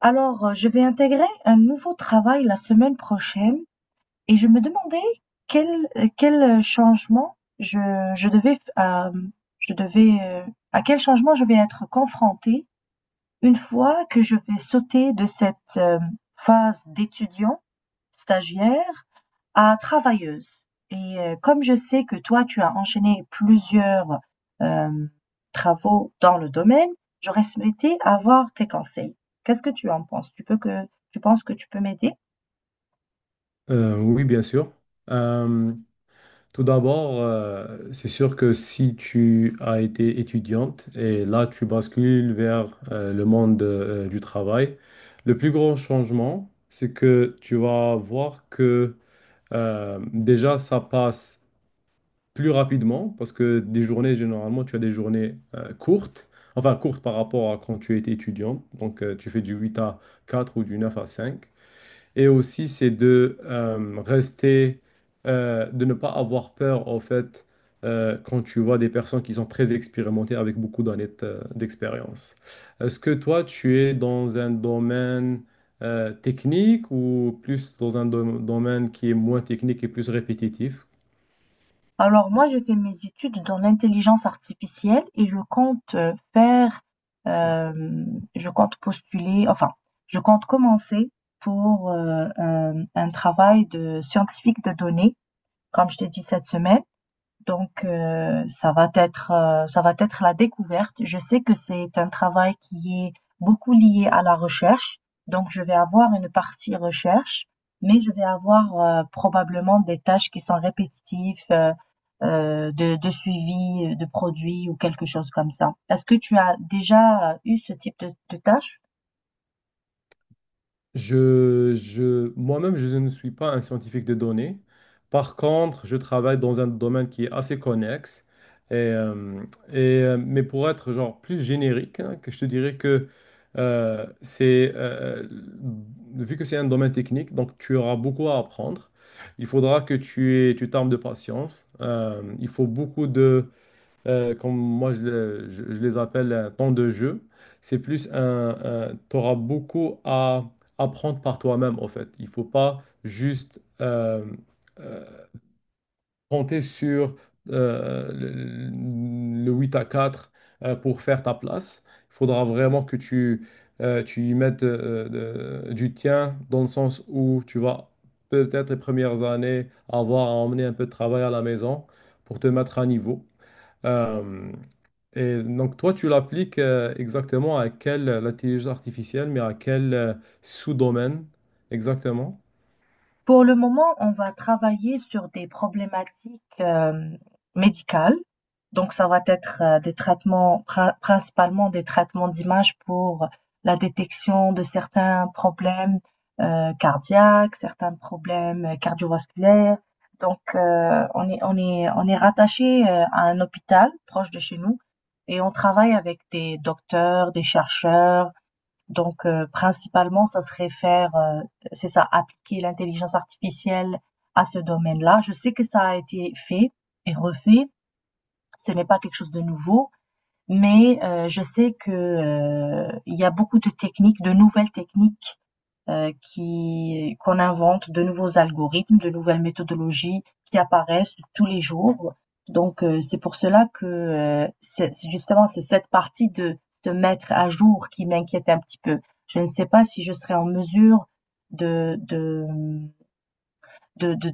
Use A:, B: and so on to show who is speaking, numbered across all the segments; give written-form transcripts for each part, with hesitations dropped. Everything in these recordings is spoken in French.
A: Je vais intégrer un nouveau travail la semaine prochaine et je me demandais quel quel changement je devais euh, je devais à quel changement je vais être confrontée une fois que je vais sauter de cette phase d'étudiant stagiaire à travailleuse, et comme je sais que toi tu as enchaîné plusieurs, hem, travaux dans le domaine, j'aurais souhaité avoir tes conseils. Qu'est-ce que tu en penses? Tu penses que tu peux m'aider?
B: Oui, bien sûr. Euh, Tout d'abord, c'est sûr que si tu as été étudiante et là tu bascules vers le monde du travail, le plus grand changement, c'est que tu vas voir que déjà ça passe plus rapidement parce que des journées, généralement, tu as des journées courtes, enfin courtes par rapport à quand tu étais étudiant. Donc tu fais du 8 à 4 ou du 9 à 5. Et aussi, c'est de rester, de ne pas avoir peur, en fait, quand tu vois des personnes qui sont très expérimentées avec beaucoup d'années d'expérience. Est-ce que toi, tu es dans un domaine technique ou plus dans un domaine qui est moins technique et plus répétitif?
A: Alors moi, j'ai fait mes études dans l'intelligence artificielle et je je compte je compte commencer pour, un travail de scientifique de données, comme je t'ai dit cette semaine. Donc, ça va être la découverte. Je sais que c'est un travail qui est beaucoup lié à la recherche. Donc, je vais avoir une partie recherche, mais je vais avoir probablement des tâches qui sont répétitives, de suivi de produits ou quelque chose comme ça. Est-ce que tu as déjà eu ce type de tâches?
B: Moi-même, je ne suis pas un scientifique de données. Par contre, je travaille dans un domaine qui est assez connexe. Et, euh, mais pour être genre plus générique, hein, que je te dirais que c'est vu que c'est un domaine technique, donc tu auras beaucoup à apprendre. Il faudra que tu t'armes de patience. Il faut beaucoup de comme moi je les appelle temps de jeu. Tu auras beaucoup à apprendre par toi-même en fait. Il faut pas juste euh, compter sur le 8 à 4 pour faire ta place. Il faudra vraiment que tu y mettes du tien dans le sens où tu vas peut-être les premières années avoir à emmener un peu de travail à la maison pour te mettre à niveau. Euh, et donc, toi, tu l'appliques exactement à quelle l'intelligence artificielle, mais à quel sous-domaine exactement?
A: Pour le moment, on va travailler sur des problématiques médicales. Donc, ça va être des principalement des traitements d'image pour la détection de certains problèmes cardiaques, certains problèmes cardiovasculaires. Donc, on est rattaché à un hôpital proche de chez nous, et on travaille avec des docteurs, des chercheurs. Donc, principalement, ça serait c'est ça, appliquer l'intelligence artificielle à ce domaine-là. Je sais que ça a été fait et refait. Ce n'est pas quelque chose de nouveau, mais je sais que, il y a beaucoup de techniques, de nouvelles techniques qui qu'on invente de nouveaux algorithmes, de nouvelles méthodologies qui apparaissent tous les jours. Donc c'est pour cela que c'est cette partie de se mettre à jour qui m'inquiète un petit peu. Je ne sais pas si je serai en mesure de de de, de-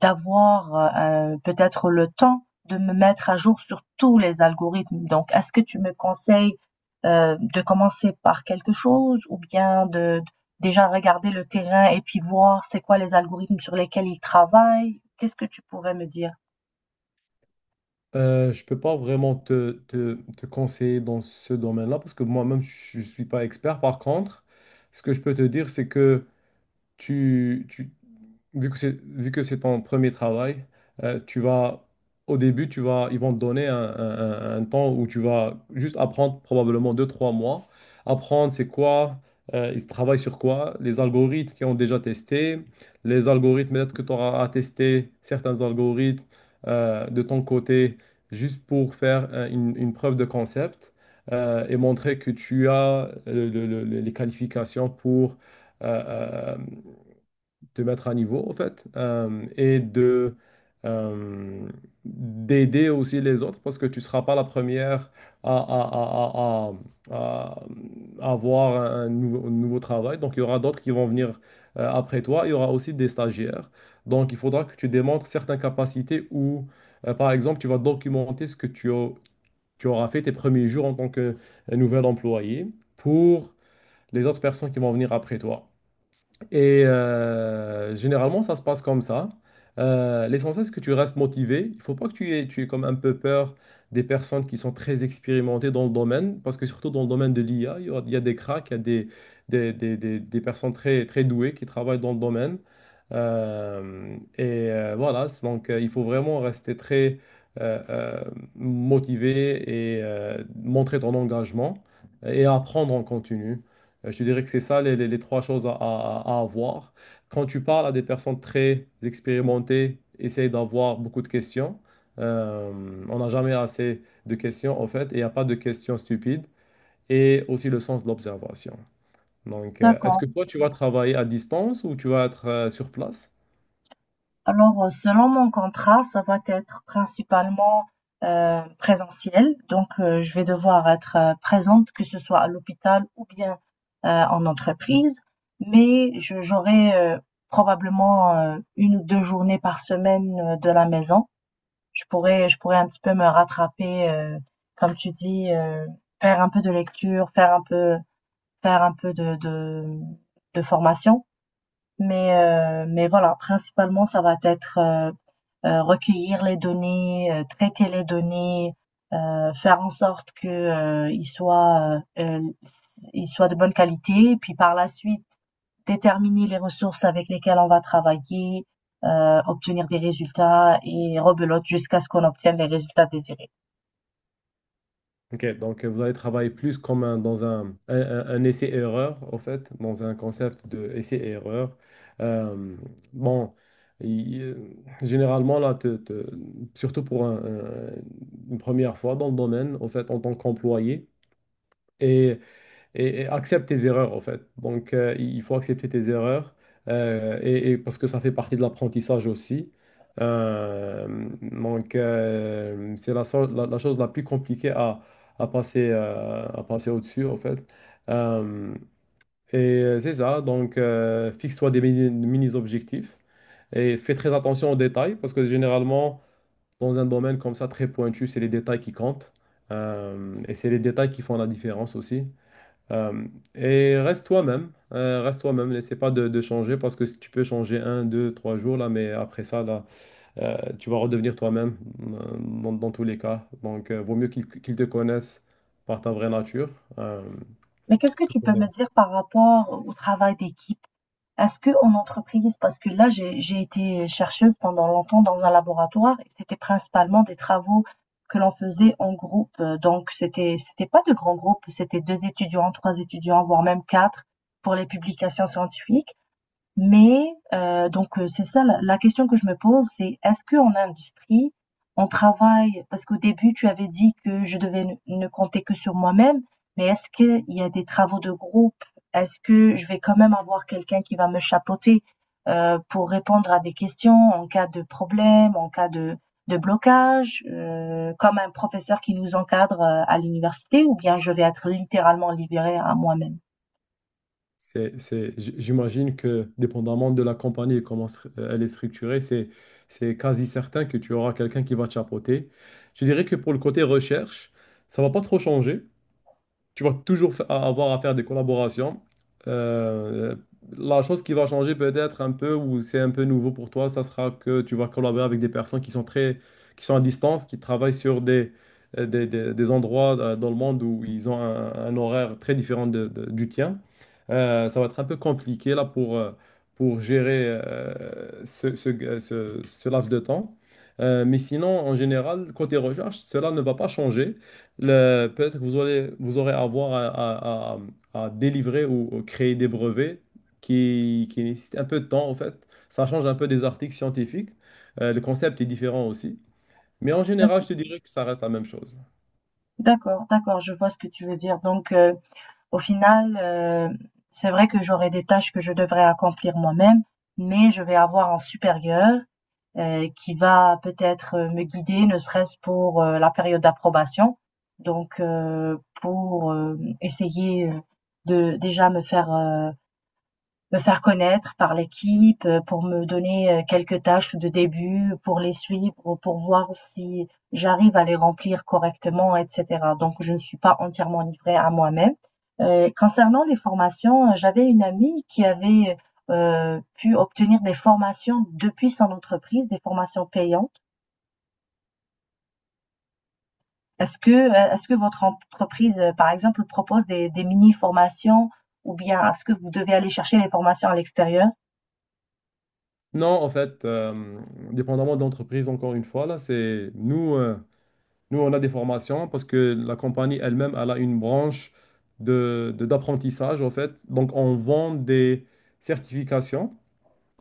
A: d'avoir peut-être le temps de me mettre à jour sur tous les algorithmes. Donc, est-ce que tu me conseilles de commencer par quelque chose ou bien de déjà regarder le terrain et puis voir c'est quoi les algorithmes sur lesquels ils travaillent? Qu'est-ce que tu pourrais me dire?
B: Je peux pas vraiment te conseiller dans ce domaine-là parce que moi-même, je suis pas expert. Par contre, ce que je peux te dire, c'est que tu, tu- vu que vu que c'est ton premier travail, euh, tu vas, au début, ils vont te donner un temps où tu vas juste apprendre probablement deux, trois mois. Apprendre c'est quoi, ils travaillent sur quoi, les algorithmes qu'ils ont déjà testés, les algorithmes, peut-être que tu auras à tester certains algorithmes de ton côté juste pour faire une preuve de concept et montrer que tu as les qualifications pour. euh, euh, Te mettre à niveau, en fait, et de euh, d'aider aussi les autres parce que tu ne seras pas la première à, à- à- à- à- à avoir un nouveau travail. Donc, il y aura d'autres qui vont venir après toi. Il y aura aussi des stagiaires. Donc, il faudra que tu démontres certaines capacités ou, par exemple, tu vas documenter ce que tu auras fait tes premiers jours en tant que nouvel employé pour les autres personnes qui vont venir après toi. Et généralement, ça se passe comme ça. L'essentiel, c'est que tu restes motivé. Il ne faut pas que tu aies comme un peu peur des personnes qui sont très expérimentées dans le domaine, parce que surtout dans le domaine de l'IA, il y a des cracks, il y a des personnes très, très douées qui travaillent dans le domaine. Et voilà, c'est donc il faut vraiment rester très euh, euh, motivé et montrer ton engagement et apprendre en continu. Je te dirais que c'est ça les trois choses à avoir. Quand tu parles à des personnes très expérimentées, essaye d'avoir beaucoup de questions. On n'a jamais assez de questions en fait, et il n'y a pas de questions stupides. Et aussi le sens de l'observation. Donc, est-ce
A: D'accord.
B: que toi, tu vas travailler à distance ou tu vas être sur place?
A: Alors, selon mon contrat, ça va être principalement présentiel. Donc, je vais devoir être présente, que ce soit à l'hôpital ou bien en entreprise. Mais j'aurai probablement une ou deux journées par semaine de la maison. Je pourrais un petit peu me rattraper, comme tu dis, faire un peu de lecture, faire un peu de formation. Mais voilà, principalement, ça va être recueillir les données, traiter les données, faire en sorte que ils soient de bonne qualité, et puis par la suite déterminer les ressources avec lesquelles on va travailler, obtenir des résultats et rebelote jusqu'à ce qu'on obtienne les résultats désirés.
B: Ok, donc vous allez travailler plus comme dans un essai-erreur, en fait, dans un concept de essai-erreur. Euh, bon, il- euh, généralement, là, surtout pour une première fois dans le domaine, en fait, en tant qu'employé, et accepte tes erreurs en fait. Donc il faut accepter tes erreurs et parce que ça fait partie de l'apprentissage aussi. Euh, donc c'est la chose la plus compliquée à passer au-dessus en fait. Euh, et c'est ça, donc fixe-toi des mini-objectifs et fais très attention aux détails parce que généralement dans un domaine comme ça très pointu, c'est les détails qui comptent. Et c'est les détails qui font la différence aussi. Euh, et reste toi-même, n'essaie pas de changer parce que si tu peux changer un, deux, trois jours là, mais après ça là, tu vas redevenir toi-même dans tous les cas. Donc, vaut mieux qu'ils te connaissent par ta vraie nature. Euh,
A: Mais qu'est-ce que
B: Tout
A: tu
B: à
A: peux me
B: fait.
A: dire par rapport au travail d'équipe à ce qu'on entreprise? Parce que là, j'ai été chercheuse pendant longtemps dans un laboratoire et c'était principalement des travaux que l'on faisait en groupe. Donc, c'était pas de grands groupes, c'était deux étudiants, trois étudiants, voire même quatre pour les publications scientifiques. Mais c'est ça la question que je me pose, c'est est-ce que en industrie, on travaille, parce qu'au début, tu avais dit que je devais ne compter que sur moi-même, mais est-ce qu'il y a des travaux de groupe? Est-ce que je vais quand même avoir quelqu'un qui va me chapeauter, pour répondre à des questions en cas de problème, en cas de blocage, comme un professeur qui nous encadre, à l'université, ou bien je vais être littéralement libérée à moi-même?
B: J'imagine que dépendamment de la compagnie et comment elle est structurée, c'est quasi certain que tu auras quelqu'un qui va te chapeauter. Je dirais que pour le côté recherche, ça va pas trop changer. Tu vas toujours avoir à faire des collaborations. Euh, la chose qui va changer peut-être un peu, ou c'est un peu nouveau pour toi, ça sera que tu vas collaborer avec des personnes qui sont très, qui sont à distance, qui travaillent sur des endroits dans le monde où ils ont un horaire très différent du tien. Ça va être un peu compliqué là pour gérer ce laps de temps. Mais sinon, en général, côté recherche, cela ne va pas changer. Peut-être que vous aurez avoir à délivrer ou créer des brevets qui nécessitent un peu de temps, en fait. Ça change un peu des articles scientifiques. Le concept est différent aussi. Mais en général, je te dirais que ça reste la même chose.
A: D'accord, d'accord, je vois ce que tu veux dire. Donc au final, c'est vrai que j'aurai des tâches que je devrais accomplir moi-même, mais je vais avoir un supérieur, qui va peut-être me guider, ne serait-ce pour, la période d'approbation. Donc, pour essayer, de déjà me me faire connaître par l'équipe, pour me donner, quelques tâches de début, pour les suivre, pour voir si j'arrive à les remplir correctement et cetera. Donc je ne suis pas entièrement livrée à moi-même. Concernant les formations, j'avais une amie qui avait, pu obtenir des formations depuis son entreprise, des formations payantes. Est-ce que, votre entreprise, par exemple, propose des mini-formations, ou bien est-ce que vous devez aller chercher les formations à l'extérieur?
B: Non, en fait, dépendamment de l'entreprise, encore une fois, là, nous, on a des formations parce que la compagnie elle-même, elle a une branche d'apprentissage, en fait. Donc, on vend des certifications.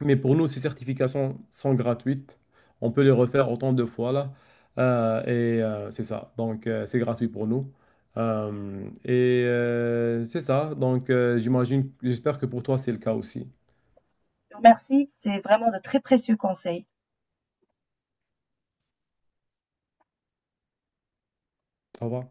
B: Mais pour nous, ces certifications sont gratuites. On peut les refaire autant de fois là. Et c'est ça. Donc, c'est gratuit pour nous. Et c'est ça. Donc, j'espère que pour toi, c'est le cas aussi.
A: Je te remercie, c'est vraiment de très précieux conseils.
B: Au revoir.